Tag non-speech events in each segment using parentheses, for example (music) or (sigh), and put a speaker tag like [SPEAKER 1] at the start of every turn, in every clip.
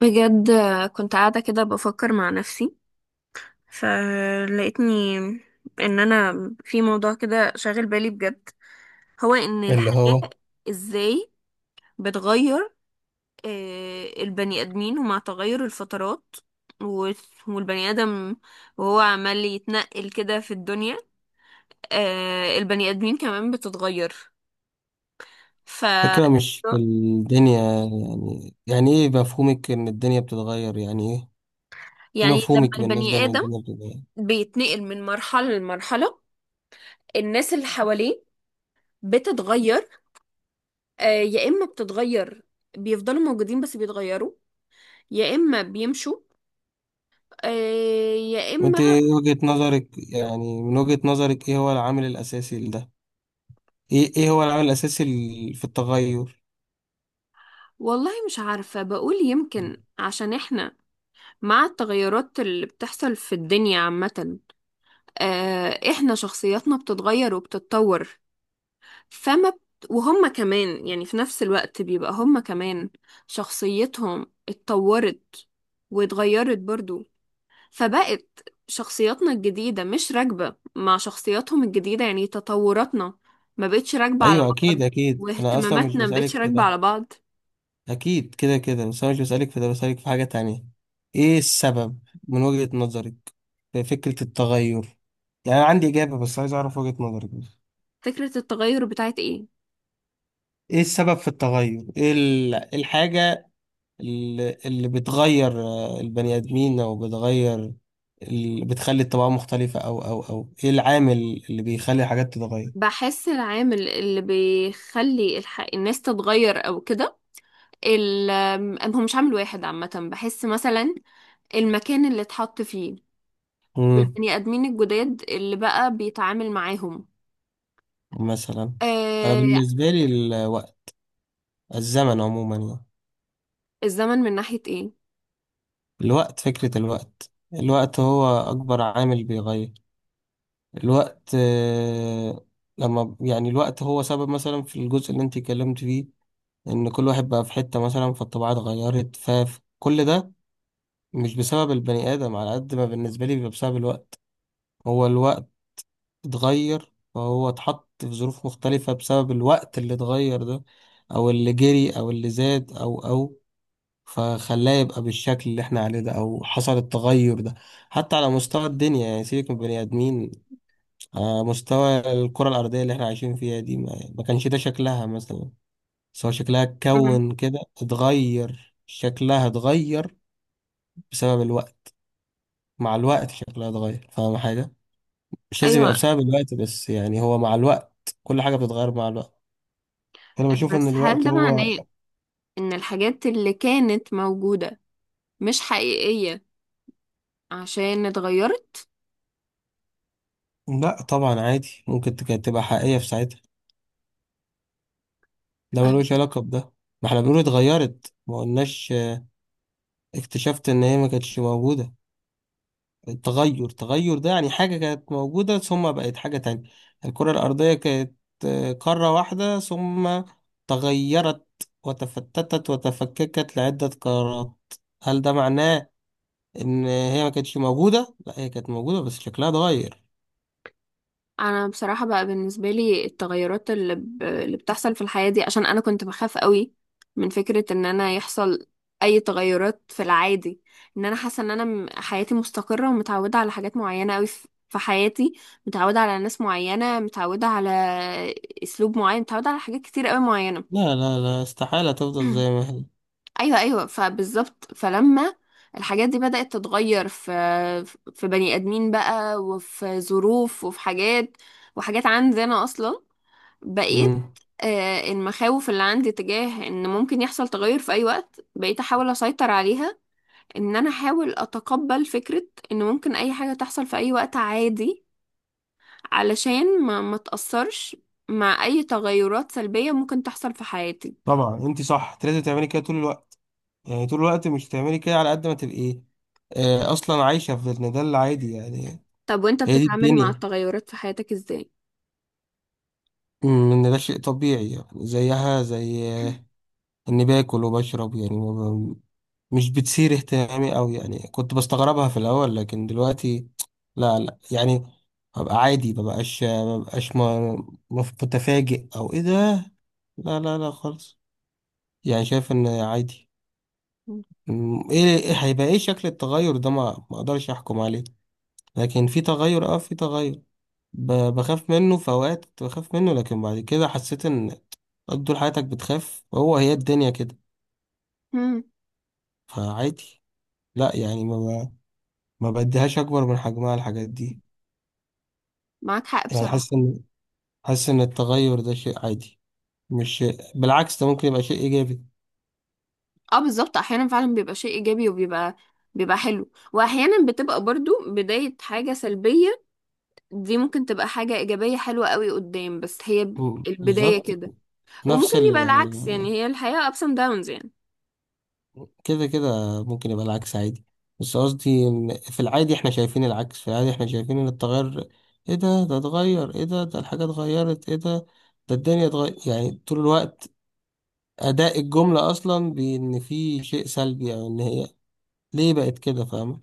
[SPEAKER 1] بجد، كنت قاعدة كده بفكر مع نفسي فلقيتني ان انا في موضوع كده شاغل بالي بجد. هو ان
[SPEAKER 2] اللي
[SPEAKER 1] الحياة
[SPEAKER 2] هو
[SPEAKER 1] ازاي بتغير. البني ادمين ومع تغير الفترات و- والبني ادم وهو عمال يتنقل كده في الدنيا، البني ادمين كمان بتتغير. ف
[SPEAKER 2] فكرة، مش في الدنيا. يعني ايه مفهومك ان الدنيا بتتغير؟ يعني ايه؟ ايه
[SPEAKER 1] يعني لما
[SPEAKER 2] مفهومك بالنسبة
[SPEAKER 1] البني
[SPEAKER 2] ان
[SPEAKER 1] ادم
[SPEAKER 2] الدنيا بتتغير؟
[SPEAKER 1] بيتنقل من مرحلة لمرحلة، الناس اللي حواليه بتتغير. يا اما بتتغير، بيفضلوا موجودين بس بيتغيروا، يا اما بيمشوا. يا اما
[SPEAKER 2] وانت ايه وجهة نظرك؟ يعني من وجهة نظرك ايه هو العامل الاساسي لده؟ ايه هو العامل الاساسي في التغير؟
[SPEAKER 1] والله مش عارفة. بقول يمكن عشان احنا مع التغيرات اللي بتحصل في الدنيا عامة، احنا شخصياتنا بتتغير وبتتطور. فما بت... وهم كمان يعني في نفس الوقت بيبقى هم كمان شخصيتهم اتطورت واتغيرت برضو، فبقت شخصياتنا الجديدة مش راكبة مع شخصياتهم الجديدة. يعني تطوراتنا ما بقتش راكبة على
[SPEAKER 2] ايوه،
[SPEAKER 1] بعض،
[SPEAKER 2] اكيد اكيد، انا اصلا مش
[SPEAKER 1] واهتماماتنا ما بقتش
[SPEAKER 2] بسألك في
[SPEAKER 1] راكبة
[SPEAKER 2] ده.
[SPEAKER 1] على بعض.
[SPEAKER 2] اكيد كده كده، بس انا مش بسألك في ده، بسألك في حاجة تانية. ايه السبب من وجهة نظرك في فكرة التغير؟ يعني انا عندي اجابة بس عايز اعرف وجهة نظرك.
[SPEAKER 1] فكرة التغير بتاعت ايه؟
[SPEAKER 2] ايه السبب في التغير؟ إيه الحاجة اللي بتغير البني ادمين، او بتغير اللي بتخلي الطباع مختلفة، او ايه العامل اللي بيخلي الحاجات تتغير؟
[SPEAKER 1] بحس العامل اللي بيخلي الناس تتغير او كده، ال... هو مش عامل واحد عامة. بحس مثلا المكان اللي اتحط فيه
[SPEAKER 2] امم.
[SPEAKER 1] والبني آدمين الجداد اللي بقى بيتعامل معاهم،
[SPEAKER 2] مثلا؟ انا
[SPEAKER 1] آه...
[SPEAKER 2] بالنسبة لي الوقت، الزمن عموما يعني.
[SPEAKER 1] الزمن من ناحية ايه؟
[SPEAKER 2] الوقت، فكرة الوقت هو اكبر عامل بيغير. الوقت. لما يعني الوقت هو سبب، مثلا في الجزء اللي انت اتكلمت فيه، ان كل واحد بقى في حتة، مثلا فالطباع اتغيرت، فكل ده مش بسبب البني آدم على قد ما بالنسبة لي بيبقى بسبب الوقت. هو الوقت اتغير، فهو اتحط في ظروف مختلفة بسبب الوقت اللي اتغير ده، أو اللي جري، أو اللي زاد، أو أو فخلاه يبقى بالشكل اللي احنا عليه ده، أو حصل التغير ده. حتى على مستوى الدنيا، يعني سيبك من البني آدمين، على مستوى الكرة الأرضية اللي احنا عايشين فيها دي، ما كانش ده شكلها مثلا. سواء شكلها
[SPEAKER 1] مم.
[SPEAKER 2] اتكون كده، اتغير شكلها، اتغير بسبب الوقت. مع الوقت شكلها اتغير، فاهم حاجة؟ مش لازم يبقى
[SPEAKER 1] ايوه،
[SPEAKER 2] بسبب الوقت بس، يعني هو مع الوقت كل حاجة بتتغير مع الوقت. أنا بشوف
[SPEAKER 1] بس
[SPEAKER 2] إن
[SPEAKER 1] هل
[SPEAKER 2] الوقت
[SPEAKER 1] ده
[SPEAKER 2] هو...
[SPEAKER 1] معناه ان الحاجات اللي كانت موجودة مش حقيقية عشان اتغيرت؟
[SPEAKER 2] لأ طبعا، عادي، ممكن تبقى حقيقية في ساعتها. ده ملوش
[SPEAKER 1] أه.
[SPEAKER 2] علاقة بده. ما احنا بنقول اتغيرت، ما قلناش اكتشفت إن هي ما كانتش موجودة. التغير ده يعني حاجة كانت موجودة ثم بقت حاجة تانية. الكرة الأرضية كانت قارة واحدة، ثم تغيرت وتفتتت وتفككت لعدة قارات. هل ده معناه ان هي ما كانتش موجودة؟ لا، هي كانت موجودة بس شكلها اتغير.
[SPEAKER 1] انا بصراحة بقى بالنسبة لي التغيرات اللي بتحصل في الحياة دي، عشان انا كنت بخاف قوي من فكرة ان انا يحصل اي تغيرات. في العادي ان انا حاسة ان انا حياتي مستقرة ومتعودة على حاجات معينة قوي في حياتي، متعودة على ناس معينة، متعودة على اسلوب معين، متعودة على حاجات كتير قوي معينة.
[SPEAKER 2] لا لا لا، استحالة
[SPEAKER 1] (clears throat)
[SPEAKER 2] تفضل زي ما هي.
[SPEAKER 1] ايوه فبالظبط. فلما الحاجات دي بدأت تتغير في بني ادمين بقى، وفي ظروف وفي حاجات وحاجات عندي انا اصلا، بقيت
[SPEAKER 2] مم.
[SPEAKER 1] المخاوف اللي عندي تجاه ان ممكن يحصل تغير في اي وقت، بقيت احاول اسيطر عليها. ان انا احاول اتقبل فكرة ان ممكن اي حاجة تحصل في اي وقت عادي، علشان ما تأثرش مع اي تغيرات سلبية ممكن تحصل في حياتي.
[SPEAKER 2] طبعا انت صح، انت لازم تعملي كده طول الوقت، يعني طول الوقت. مش تعملي كده على قد ما تبقي اصلا عايشة في ده، ده العادي يعني.
[SPEAKER 1] طب وانت
[SPEAKER 2] هي دي
[SPEAKER 1] بتتعامل مع
[SPEAKER 2] الدنيا.
[SPEAKER 1] التغيرات في حياتك ازاي؟
[SPEAKER 2] ان ده شيء طبيعي يعني، زيها زي اني باكل وبشرب يعني، مش بتثير اهتمامي أوي. يعني كنت بستغربها في الأول لكن دلوقتي لا لا، يعني ببقى عادي. مبقاش متفاجئ، أو إيه ده. لا لا لا خالص. يعني شايف إن عادي. إيه هيبقى إيه شكل التغير ده، ما أقدرش أحكم عليه. لكن في تغير، أه في تغير ب- بخاف منه. في أوقات كنت بخاف منه، لكن بعد كده حسيت إن طول حياتك بتخاف، هي الدنيا كده.
[SPEAKER 1] مم.
[SPEAKER 2] فعادي، لا يعني ما بديهاش أكبر من حجمها الحاجات دي.
[SPEAKER 1] معاك حق
[SPEAKER 2] يعني
[SPEAKER 1] بصراحة.
[SPEAKER 2] حاسس ان التغير ده شيء عادي. مش، بالعكس، ده ممكن يبقى شيء ايجابي.
[SPEAKER 1] اه بالظبط، احيانا فعلا بيبقى شيء ايجابي وبيبقى، بيبقى حلو، واحيانا بتبقى برضو بداية حاجة سلبية. دي ممكن تبقى حاجة ايجابية حلوة قوي قدام، بس هي البداية
[SPEAKER 2] بالظبط.
[SPEAKER 1] كده، وممكن
[SPEAKER 2] نفس ال
[SPEAKER 1] يبقى
[SPEAKER 2] يعني،
[SPEAKER 1] العكس. يعني هي الحياة ups and downs يعني.
[SPEAKER 2] كده كده ممكن يبقى العكس، عادي. بس قصدي إن في العادي احنا شايفين العكس. في العادي احنا شايفين ان التغير: ايه ده؟ ده اتغير! ايه ده؟ ده الحاجة اتغيرت! ايه ده؟ ده الدنيا اتغير! يعني طول الوقت اداء الجملة اصلا بان في شيء سلبي، او ان هي ليه بقت كده، فاهمة؟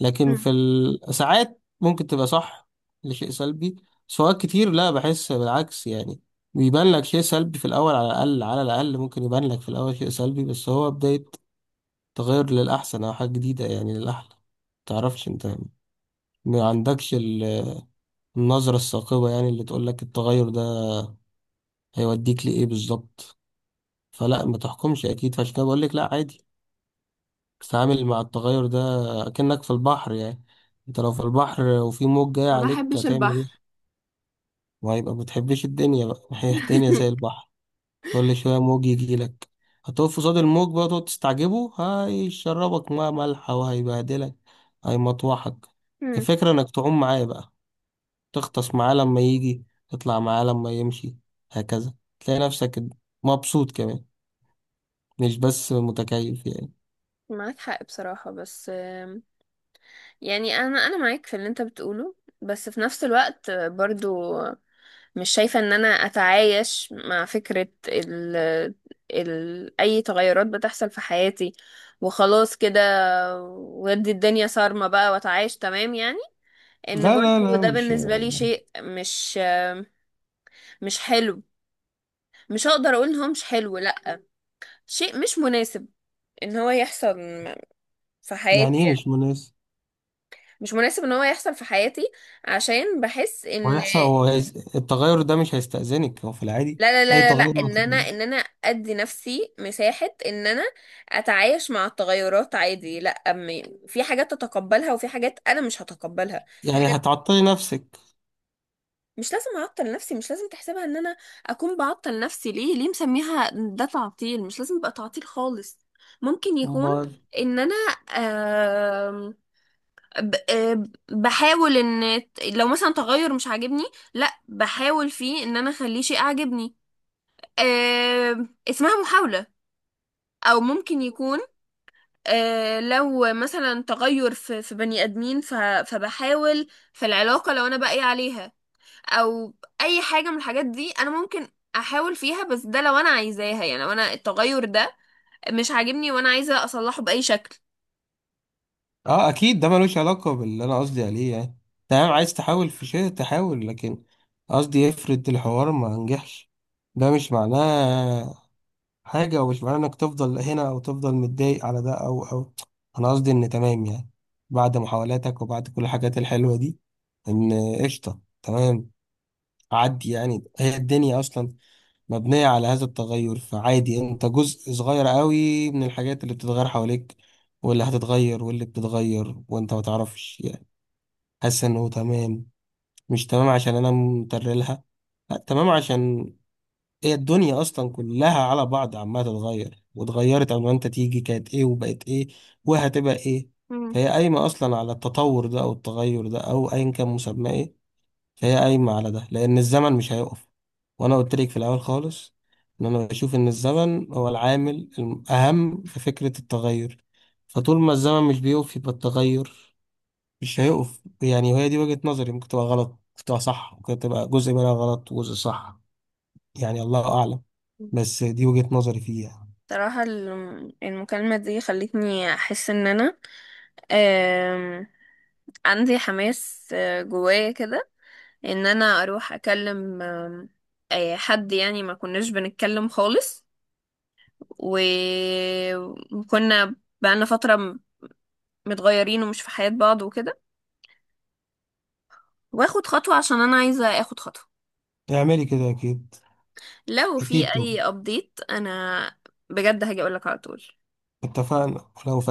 [SPEAKER 2] لكن
[SPEAKER 1] مم.
[SPEAKER 2] في ساعات ممكن تبقى صح لشيء سلبي، بس أوقات كتير لا، بحس بالعكس. يعني بيبان لك شيء سلبي في الأول. على الأقل ممكن يبان لك في الأول شيء سلبي بس هو بداية تغير للأحسن، أو حاجة جديدة يعني، للأحلى. متعرفش أنت، ما عندكش النظرة الثاقبة يعني اللي تقول لك التغير ده هيوديك لإيه بالظبط. فلا، ما تحكمش أكيد. فعشان كده بقول لك لا، عادي. تتعامل مع التغير ده كأنك في البحر يعني. انت لو في البحر وفي موج جاي
[SPEAKER 1] ما
[SPEAKER 2] عليك،
[SPEAKER 1] بحبش
[SPEAKER 2] هتعمل
[SPEAKER 1] البحر.
[SPEAKER 2] ايه؟ وهيبقى ما بتحبش الدنيا بقى (laughs) هي الدنيا زي
[SPEAKER 1] (laughs)
[SPEAKER 2] البحر، كل شوية موج يجي لك. هتقف قصاد الموج بقى تقعد تستعجبه؟ هيشربك ميه مالحة وهيبهدلك، هيمطوحك.
[SPEAKER 1] مم.
[SPEAKER 2] الفكرة انك تعوم معاه بقى، تغطس معاه لما يجي، تطلع معاه لما يمشي، هكذا. تلاقي نفسك مبسوط كمان، مش بس متكيف يعني.
[SPEAKER 1] معاك حق بصراحة، بس يعني انا معاك في اللي انت بتقوله، بس في نفس الوقت برضو مش شايفة ان انا اتعايش مع فكرة ال اي تغيرات بتحصل في حياتي وخلاص كده، ودي الدنيا صارمة بقى واتعايش تمام يعني. ان
[SPEAKER 2] لا لا
[SPEAKER 1] برضو
[SPEAKER 2] لا،
[SPEAKER 1] ده
[SPEAKER 2] مش.
[SPEAKER 1] بالنسبة لي شيء مش، مش حلو. مش هقدر اقول ان هو مش حلو، لا، شيء مش مناسب ان هو يحصل في
[SPEAKER 2] يعني
[SPEAKER 1] حياتي
[SPEAKER 2] ايه مش
[SPEAKER 1] يعني.
[SPEAKER 2] مناسب؟
[SPEAKER 1] مش مناسب ان هو يحصل في حياتي، عشان بحس ان
[SPEAKER 2] وهيحصل، هو التغير ده مش هيستأذنك، هو في العادي
[SPEAKER 1] لا لا
[SPEAKER 2] أي
[SPEAKER 1] لا لا لا
[SPEAKER 2] تغير
[SPEAKER 1] ان انا ان انا ادي نفسي مساحة ان انا اتعايش مع التغيرات عادي. لا في حاجات تتقبلها وفي حاجات انا مش هتقبلها، في
[SPEAKER 2] يعني
[SPEAKER 1] حاجات
[SPEAKER 2] هتعطلي نفسك؟
[SPEAKER 1] مش لازم اعطل نفسي. مش لازم تحسبها ان انا اكون بعطل نفسي. ليه ليه مسميها ده تعطيل؟ مش لازم يبقى تعطيل خالص. ممكن يكون
[SPEAKER 2] أمال.
[SPEAKER 1] ان انا، آم، ب- آم، بحاول ان لو مثلا تغير مش عاجبني، لا بحاول فيه ان انا اخليه شيء اعجبني. اسمها محاولة. او ممكن يكون لو مثلا تغير في بني ادمين فبحاول في العلاقه لو انا باقي عليها، او اي حاجه من الحاجات دي انا ممكن احاول فيها، بس ده لو انا عايزاها. يعني لو انا التغير ده مش عاجبني وانا عايزه اصلحه باي شكل.
[SPEAKER 2] أه أكيد، ده ملوش علاقة باللي أنا قصدي عليه. يعني تمام، عايز تحاول في شيء، تحاول، لكن قصدي، افرض الحوار ما نجحش، ده مش معناه حاجة، ومش معناه إنك تفضل هنا أو تفضل متضايق على ده، أو أو أنا قصدي إن تمام يعني. بعد محاولاتك وبعد كل الحاجات الحلوة دي، إن قشطة، تمام، عدي يعني، هي الدنيا أصلا مبنية على هذا التغير. فعادي، انت جزء صغير قوي من الحاجات اللي بتتغير حواليك واللي هتتغير واللي بتتغير وانت ما تعرفش. يعني حاسس انه تمام، مش تمام عشان انا مترلها، لا تمام عشان هي الدنيا اصلا كلها على بعض عمالة تتغير، واتغيرت قبل ما انت تيجي. كانت ايه وبقت ايه وهتبقى ايه.
[SPEAKER 1] مم.
[SPEAKER 2] فهي قايمة اصلا على التطور ده او التغير ده او ايا كان مسماه ايه. هي قايمة على ده لأن الزمن مش هيقف. وأنا قلت لك في الأول خالص إن أنا بشوف إن الزمن هو العامل الأهم في فكرة التغير. فطول ما الزمن مش بيقف، يبقى التغير مش هيقف يعني. وهي دي وجهة نظري. ممكن تبقى غلط، ممكن تبقى صح، ممكن تبقى جزء منها غلط وجزء صح. يعني الله أعلم. بس دي وجهة نظري فيها.
[SPEAKER 1] صراحة المكالمة دي خلتني أحس إن أنا، آم، عندي حماس جوايا كده ان انا اروح اكلم، آم، آه، حد يعني ما كناش بنتكلم خالص، و- وكنا بقالنا فترة متغيرين ومش في حياة بعض وكده. واخد خطوة، عشان انا عايزة اخد خطوة.
[SPEAKER 2] اعملي كده أكيد.
[SPEAKER 1] لو
[SPEAKER 2] أكيد
[SPEAKER 1] في
[SPEAKER 2] طبعا.
[SPEAKER 1] اي ابديت انا بجد هاجي اقولك على طول.
[SPEAKER 2] اتفقنا، ولو